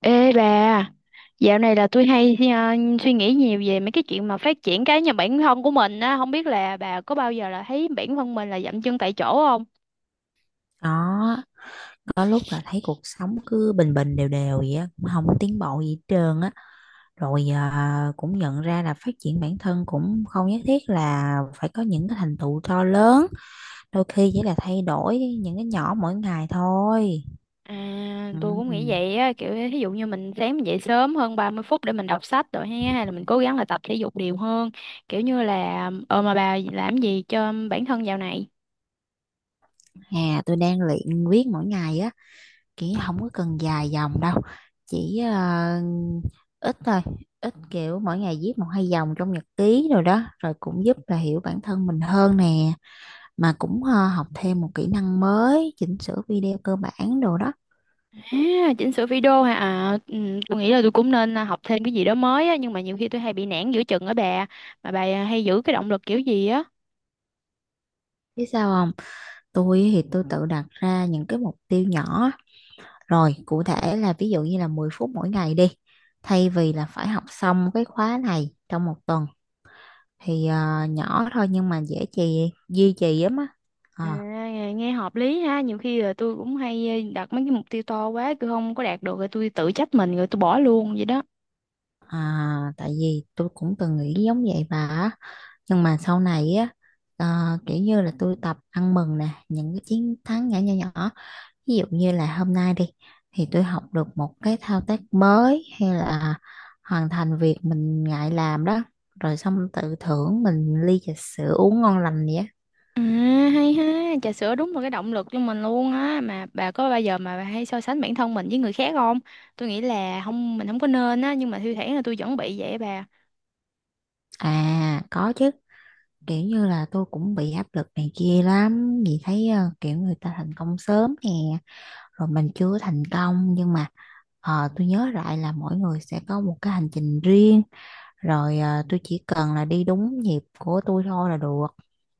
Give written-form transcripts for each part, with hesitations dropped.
Ê bà, dạo này là tôi hay suy nghĩ nhiều về mấy cái chuyện mà phát triển cá nhân bản thân của mình á, không biết là bà có bao giờ là thấy bản thân mình là dậm chân tại chỗ không? Đó, có lúc là thấy cuộc sống cứ bình bình đều đều vậy á cũng không có tiến bộ gì hết trơn á. Rồi à, cũng nhận ra là phát triển bản thân cũng không nhất thiết là phải có những cái thành tựu to lớn. Đôi khi chỉ là thay đổi những cái nhỏ mỗi ngày thôi. À, tôi cũng nghĩ Ừ. vậy á, kiểu ví dụ như mình sáng mình dậy sớm hơn 30 phút để mình đọc sách rồi ha, hay là mình cố gắng là tập thể dục đều hơn, kiểu như là ờ mà bà làm gì cho bản thân dạo này? À, tôi đang luyện viết mỗi ngày á, kiểu không có cần dài dòng đâu, chỉ ít thôi, ít kiểu mỗi ngày viết một hai dòng trong nhật ký rồi đó, rồi cũng giúp là hiểu bản thân mình hơn nè. Mà cũng học thêm một kỹ năng mới chỉnh sửa video cơ bản đồ đó. À, chỉnh sửa video hả? À, ừ, tôi nghĩ là tôi cũng nên học thêm cái gì đó mới á, nhưng mà nhiều khi tôi hay bị nản giữa chừng á bà, mà bà hay giữ cái động lực kiểu gì á? Biết sao không? Tôi thì tôi tự đặt ra những cái mục tiêu nhỏ, rồi cụ thể là ví dụ như là 10 phút mỗi ngày đi, thay vì là phải học xong cái khóa này trong một tuần. Thì nhỏ thôi nhưng mà dễ duy trì lắm á. À, Ờ, nghe hợp lý ha, nhiều khi là tôi cũng hay đặt mấy cái mục tiêu to quá tôi không có đạt được rồi tôi tự trách mình rồi tôi bỏ luôn vậy đó. à, tại vì tôi cũng từng nghĩ giống vậy bà á. Nhưng mà sau này á, ờ, kiểu như là tôi tập ăn mừng nè những cái chiến thắng nhỏ nhỏ nhỏ. Ví dụ như là hôm nay đi thì tôi học được một cái thao tác mới, hay là hoàn thành việc mình ngại làm đó, rồi xong tự thưởng mình ly trà sữa uống ngon lành vậy á. À, hay ha, trà sữa đúng là cái động lực cho mình luôn á. Mà bà có bao giờ mà bà hay so sánh bản thân mình với người khác không? Tôi nghĩ là không, mình không có nên á, nhưng mà thi thoảng là tôi vẫn bị vậy á bà. À, có chứ. Kiểu như là tôi cũng bị áp lực này kia lắm vì thấy kiểu người ta thành công sớm nè, rồi mình chưa thành công, nhưng mà tôi nhớ lại là mỗi người sẽ có một cái hành trình riêng. Rồi tôi chỉ cần là đi đúng nhịp của tôi thôi là được.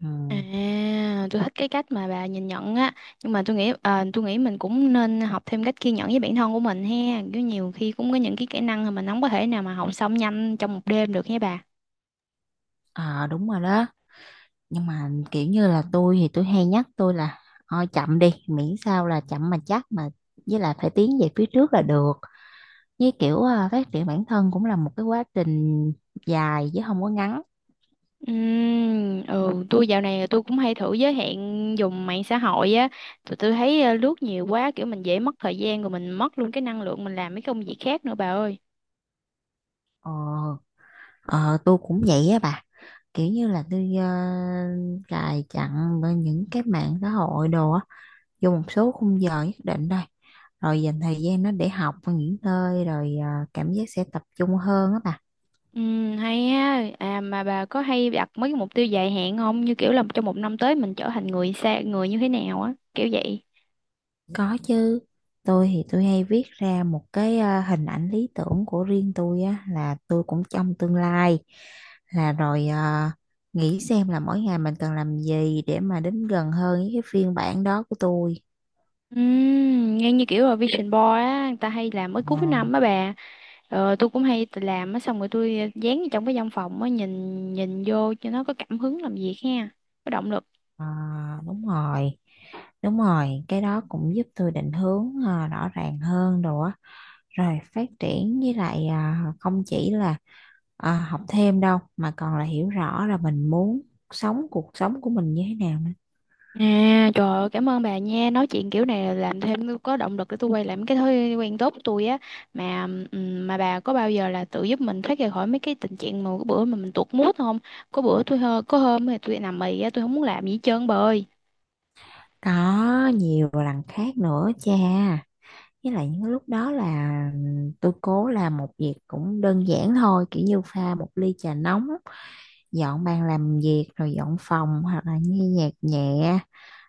Ừ. À, tôi thích cái cách mà bà nhìn nhận á, nhưng mà tôi nghĩ tôi nghĩ mình cũng nên học thêm cách kiên nhẫn với bản thân của mình ha, kiểu nhiều khi cũng có những cái kỹ năng mà mình không có thể nào mà học xong nhanh trong một đêm được nha bà. Ờ, đúng rồi đó, nhưng mà kiểu như là tôi thì tôi hay nhắc tôi là thôi chậm đi, miễn sao là chậm mà chắc mà, với lại phải tiến về phía trước là được. Với kiểu à, phát triển bản thân cũng là một cái quá trình dài chứ không có ngắn. Ừ, tôi dạo này tôi cũng hay thử giới hạn dùng mạng xã hội á. Tụi tôi thấy lướt nhiều quá kiểu mình dễ mất thời gian rồi mình mất luôn cái năng lượng mình làm mấy công việc khác nữa bà ơi. ờ, ờ tôi cũng vậy á bà, kiểu như là tôi cài chặn bên những cái mạng xã hội đồ á, vô một số khung giờ nhất định thôi, rồi dành thời gian nó để học những nơi, rồi cảm giác sẽ tập trung hơn á bà. Hay á. À mà bà có hay đặt mấy cái mục tiêu dài hạn không? Như kiểu là trong một năm tới mình trở thành người xa người như thế nào á, kiểu vậy. Có chứ, tôi thì tôi hay viết ra một cái hình ảnh lý tưởng của riêng tôi á, là tôi cũng trong tương lai, là rồi nghĩ xem là mỗi ngày mình cần làm gì để mà đến gần hơn với cái phiên bản đó của tôi. Nghe như kiểu là Vision Board á, người ta hay làm mới Ờ, cuối năm á bà. Ờ, tôi cũng hay tự làm á, xong rồi tôi dán vào trong cái văn phòng á, nhìn nhìn vô cho nó có cảm hứng làm việc ha, có động lực. ờ, đúng rồi, đúng rồi, cái đó cũng giúp tôi định hướng rõ ràng hơn rồi á. Rồi phát triển với lại không chỉ là học thêm đâu, mà còn là hiểu rõ là mình muốn sống cuộc sống của mình như thế nào nữa. À, trời ơi, cảm ơn bà nha. Nói chuyện kiểu này làm thêm có động lực để tôi quay lại mấy cái thói quen tốt của tôi á. Mà bà có bao giờ là tự giúp mình thoát ra khỏi mấy cái tình trạng mà cái bữa mà mình tuột mood không? Có bữa tôi hơ, có hôm thì tôi nằm mì á, tôi không muốn làm gì hết trơn bà ơi. Có nhiều lần khác nữa cha. Với lại những lúc đó là tôi cố làm một việc cũng đơn giản thôi, kiểu như pha một ly trà nóng, dọn bàn làm việc, rồi dọn phòng, hoặc là nghe nhạc nhẹ,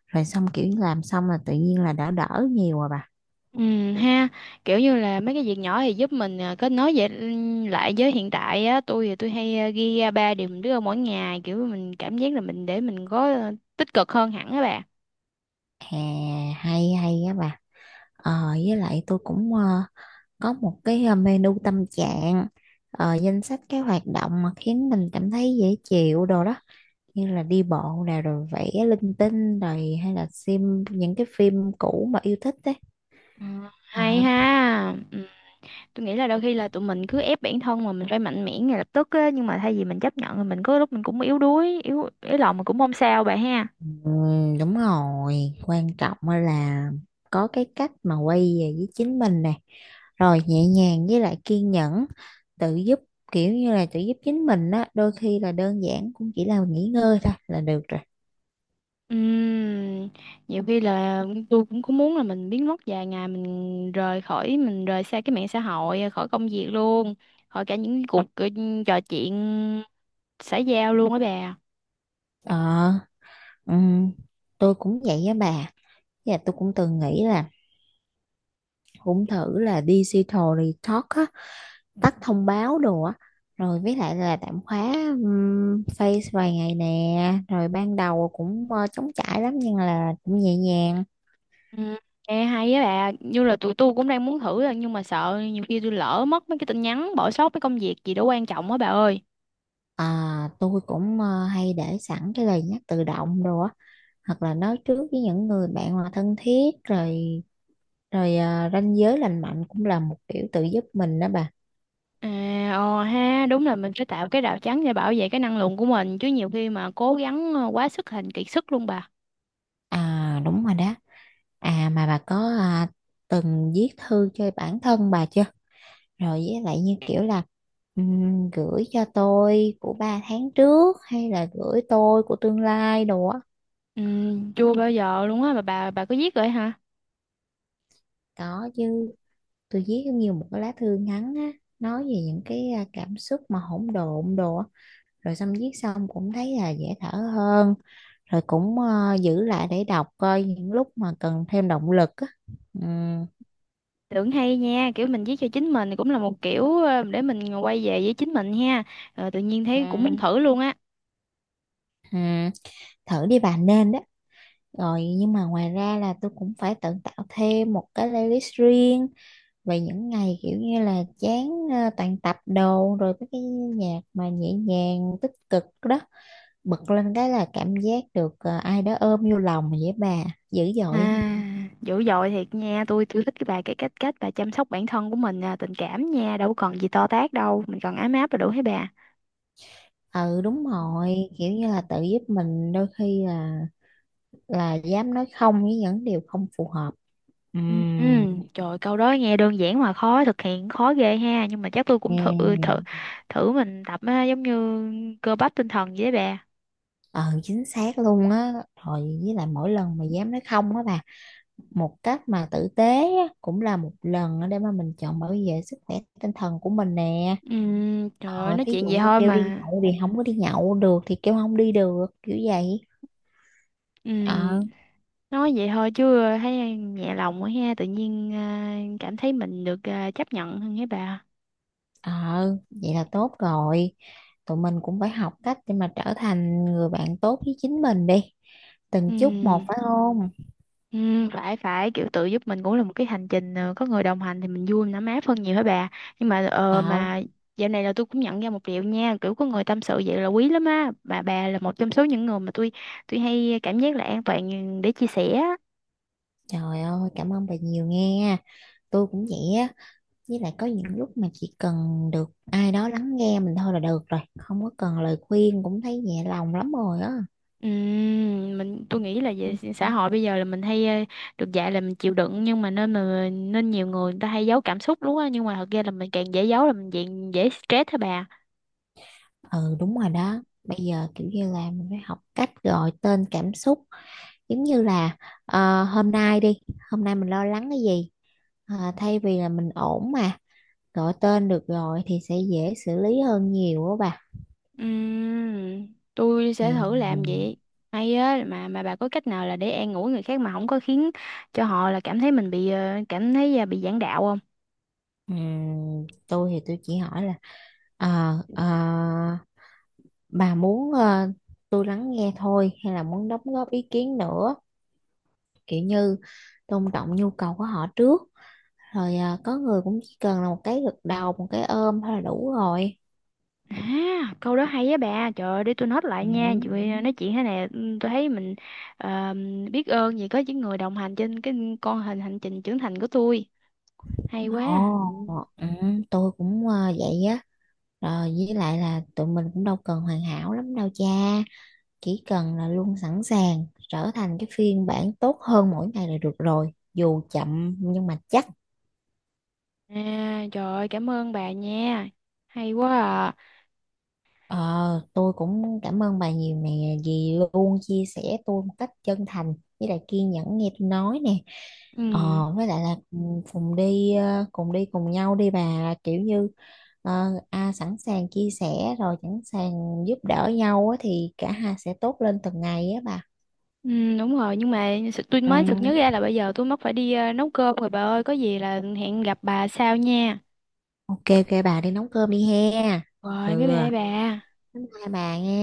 rồi xong kiểu như làm xong là tự nhiên là đã đỡ nhiều rồi bà. Ha, kiểu như là mấy cái việc nhỏ thì giúp mình kết nối về lại với hiện tại á. Tôi thì tôi hay ghi ra ba điều mình đưa mỗi ngày, kiểu mình cảm giác là mình để mình có tích cực hơn hẳn á bà. À, hay hay á bà. Ờ, với lại tôi cũng có một cái menu tâm trạng, danh sách cái hoạt động mà khiến mình cảm thấy dễ chịu đồ đó. Như là đi bộ nè, rồi vẽ linh tinh, rồi hay là xem những cái phim cũ mà yêu thích đấy. Ừ, hay à, ha. Ừ. Tôi nghĩ là đôi khi là tụi mình cứ ép bản thân mà mình phải mạnh mẽ ngay lập tức á, nhưng mà thay vì mình chấp nhận thì mình có lúc mình cũng yếu đuối, yếu yếu lòng mà cũng không sao bà ha. ừ, đúng rồi, quan trọng á là có cái cách mà quay về với chính mình nè, rồi nhẹ nhàng với lại kiên nhẫn tự giúp, kiểu như là tự giúp chính mình á, đôi khi là đơn giản cũng chỉ là nghỉ ngơi thôi là được rồi. Ừm, nhiều khi là tôi cũng có muốn là mình biến mất vài ngày, mình rời xa cái mạng xã hội, khỏi công việc luôn, khỏi cả những cuộc trò chuyện xã giao luôn á bà. ờ ừm, tôi cũng vậy á bà. Với tôi cũng từng nghĩ là cũng thử là digital detox á, tắt thông báo đồ á, rồi với lại là tạm khóa face vài ngày nè. Rồi ban đầu cũng trống trải lắm nhưng là cũng nhẹ nhàng. Ừm, nghe hay á bà, như là tụi tôi cũng đang muốn thử á, nhưng mà sợ nhiều khi tôi lỡ mất mấy cái tin nhắn, bỏ sót mấy công việc gì đó quan trọng á bà ơi. À, tôi cũng hay để sẵn cái lời nhắc tự động đồ á, hoặc là nói trước với những người bạn mà thân thiết rồi. Rồi ranh giới lành mạnh cũng là một kiểu tự giúp mình đó bà. À, ờ ha, đúng là mình phải tạo cái rào chắn để bảo vệ cái năng lượng của mình chứ, nhiều khi mà cố gắng quá sức thành kiệt sức luôn bà. À, đúng rồi đó. À, mà bà có từng viết thư cho bản thân bà chưa? Rồi với lại như kiểu là gửi cho tôi của 3 tháng trước, hay là gửi tôi của tương lai đồ á. Ừ, chưa bao giờ luôn á, mà bà có viết rồi hả? Có chứ, tôi viết giống như một cái lá thư ngắn á, nói về những cái cảm xúc mà hỗn độn đồ á. Rồi xong viết xong cũng thấy là dễ thở hơn, rồi cũng giữ lại để đọc coi những lúc mà cần thêm động lực á. Ừ, Tưởng hay nha, kiểu mình viết cho chính mình cũng là một kiểu để mình quay về với chính mình ha. Ờ, tự nhiên ừ, thấy cũng muốn thử luôn á. ừ. Thử đi bà, nên đó. Rồi nhưng mà ngoài ra là tôi cũng phải tự tạo thêm một cái playlist riêng, vậy những ngày kiểu như là chán toàn tập đồ, rồi mấy cái nhạc mà nhẹ nhàng tích cực đó, bật lên cái là cảm giác được ai đó ôm vô lòng vậy bà, dữ dội không? À, dữ dội thiệt nha, tôi thích cái bà cái cách cách bà chăm sóc bản thân của mình à, tình cảm nha, đâu còn gì to tát đâu, mình còn ấm áp là đủ hết Ừ, đúng bà. rồi, kiểu như là tự giúp mình đôi khi là dám nói không với những điều không phù hợp. Ừ, Ừm. trời ơi, câu đó nghe đơn giản mà khó thực hiện, khó ghê ha, nhưng mà chắc tôi cũng thử thử Ừm. Ừ. thử mình tập á, giống như cơ bắp tinh thần vậy đấy bà. Ờ, chính xác luôn á. Rồi với lại mỗi lần mà dám nói không á bà, một cách mà tử tế á, cũng là một lần á để mà mình chọn bảo vệ sức khỏe tinh thần của mình nè. Trời ơi, Ờ, nói thí chuyện dụ vậy như thôi kêu đi mà. nhậu thì không có đi nhậu được, thì kêu không đi được kiểu vậy. Ừm, ờ nói vậy thôi chứ thấy nhẹ lòng quá ha, tự nhiên cảm thấy mình được chấp nhận hơn hả bà. ờ Vậy là tốt rồi, tụi mình cũng phải học cách để mà trở thành người bạn tốt với chính mình đi, từng chút một, Ừm. phải không? Ừ, phải phải kiểu tự giúp mình cũng là một cái hành trình có người đồng hành thì mình vui, mình ấm áp hơn nhiều hả bà, nhưng mà ờ, ờ mà dạo này là tôi cũng nhận ra một điều nha, kiểu có người tâm sự vậy là quý lắm á bà là một trong số những người mà tôi hay cảm giác là an toàn để chia sẻ á. Trời ơi, cảm ơn bà nhiều nghe. Tôi cũng vậy á, với lại có những lúc mà chỉ cần được ai đó lắng nghe mình thôi là được rồi, không có cần lời khuyên cũng thấy nhẹ lòng lắm rồi á. Ừ, tôi nghĩ là về xã hội bây giờ là mình hay được dạy là mình chịu đựng, nhưng mà nên nhiều người người ta hay giấu cảm xúc đúng á, nhưng mà thật ra là mình càng dễ giấu là mình càng dễ stress hả bà. Ừ, đúng rồi đó. Bây giờ kiểu như là mình phải học cách gọi tên cảm xúc, giống như là hôm nay đi, hôm nay mình lo lắng cái gì. Ờ, thay vì là mình ổn mà, gọi tên được rồi thì sẽ dễ xử lý hơn nhiều á bà. Ừm, tôi Ừ. sẽ thử Ừ, làm vậy. Hay á, mà bà có cách nào là để an ủi người khác mà không có khiến cho họ là cảm thấy mình bị bị giảng đạo không? ừ, tôi thì tôi chỉ hỏi là ờ, ờ, bà muốn tôi lắng nghe thôi hay là muốn đóng góp ý kiến nữa, kiểu như tôn trọng nhu cầu của họ trước. Rồi có người cũng chỉ cần là một cái gật đầu, một cái ôm thôi là đủ rồi. À, câu đó hay á bà. Trời ơi, để tôi note lại Ừ. nha. Chị Huy nói chuyện thế này ừ, tôi thấy mình ờ, biết ơn vì có những người đồng hành trên cái con hình hành trình trưởng thành của tôi. Hay quá. Ồ, ừ, tôi cũng vậy á. Rồi với lại là tụi mình cũng đâu cần hoàn hảo lắm đâu cha. Chỉ cần là luôn sẵn sàng trở thành cái phiên bản tốt hơn mỗi ngày là được rồi. Dù chậm nhưng mà chắc. À, trời ơi, cảm ơn bà nha. Hay quá à. Ờ, tôi cũng cảm ơn bà nhiều nè, vì luôn chia sẻ tôi một cách chân thành, với lại kiên nhẫn nghe tôi nói nè. Ừ. ờ, với lại là cùng cùng đi ờ, cùng đi cùng nhau đi bà, kiểu như sẵn sàng chia sẻ, rồi sẵn sàng giúp đỡ nhau á, thì cả hai sẽ tốt lên từng ngày á bà. Ừ, đúng rồi, nhưng mà sự- tôi Ừ. mới sực nhớ ra là bây giờ tôi mất phải đi nấu cơm rồi bà ơi, có gì là hẹn gặp bà sau nha, OK, OK, bà đi nấu cơm đi he. rồi bye Ừ, bye bà. bye bye bà nha.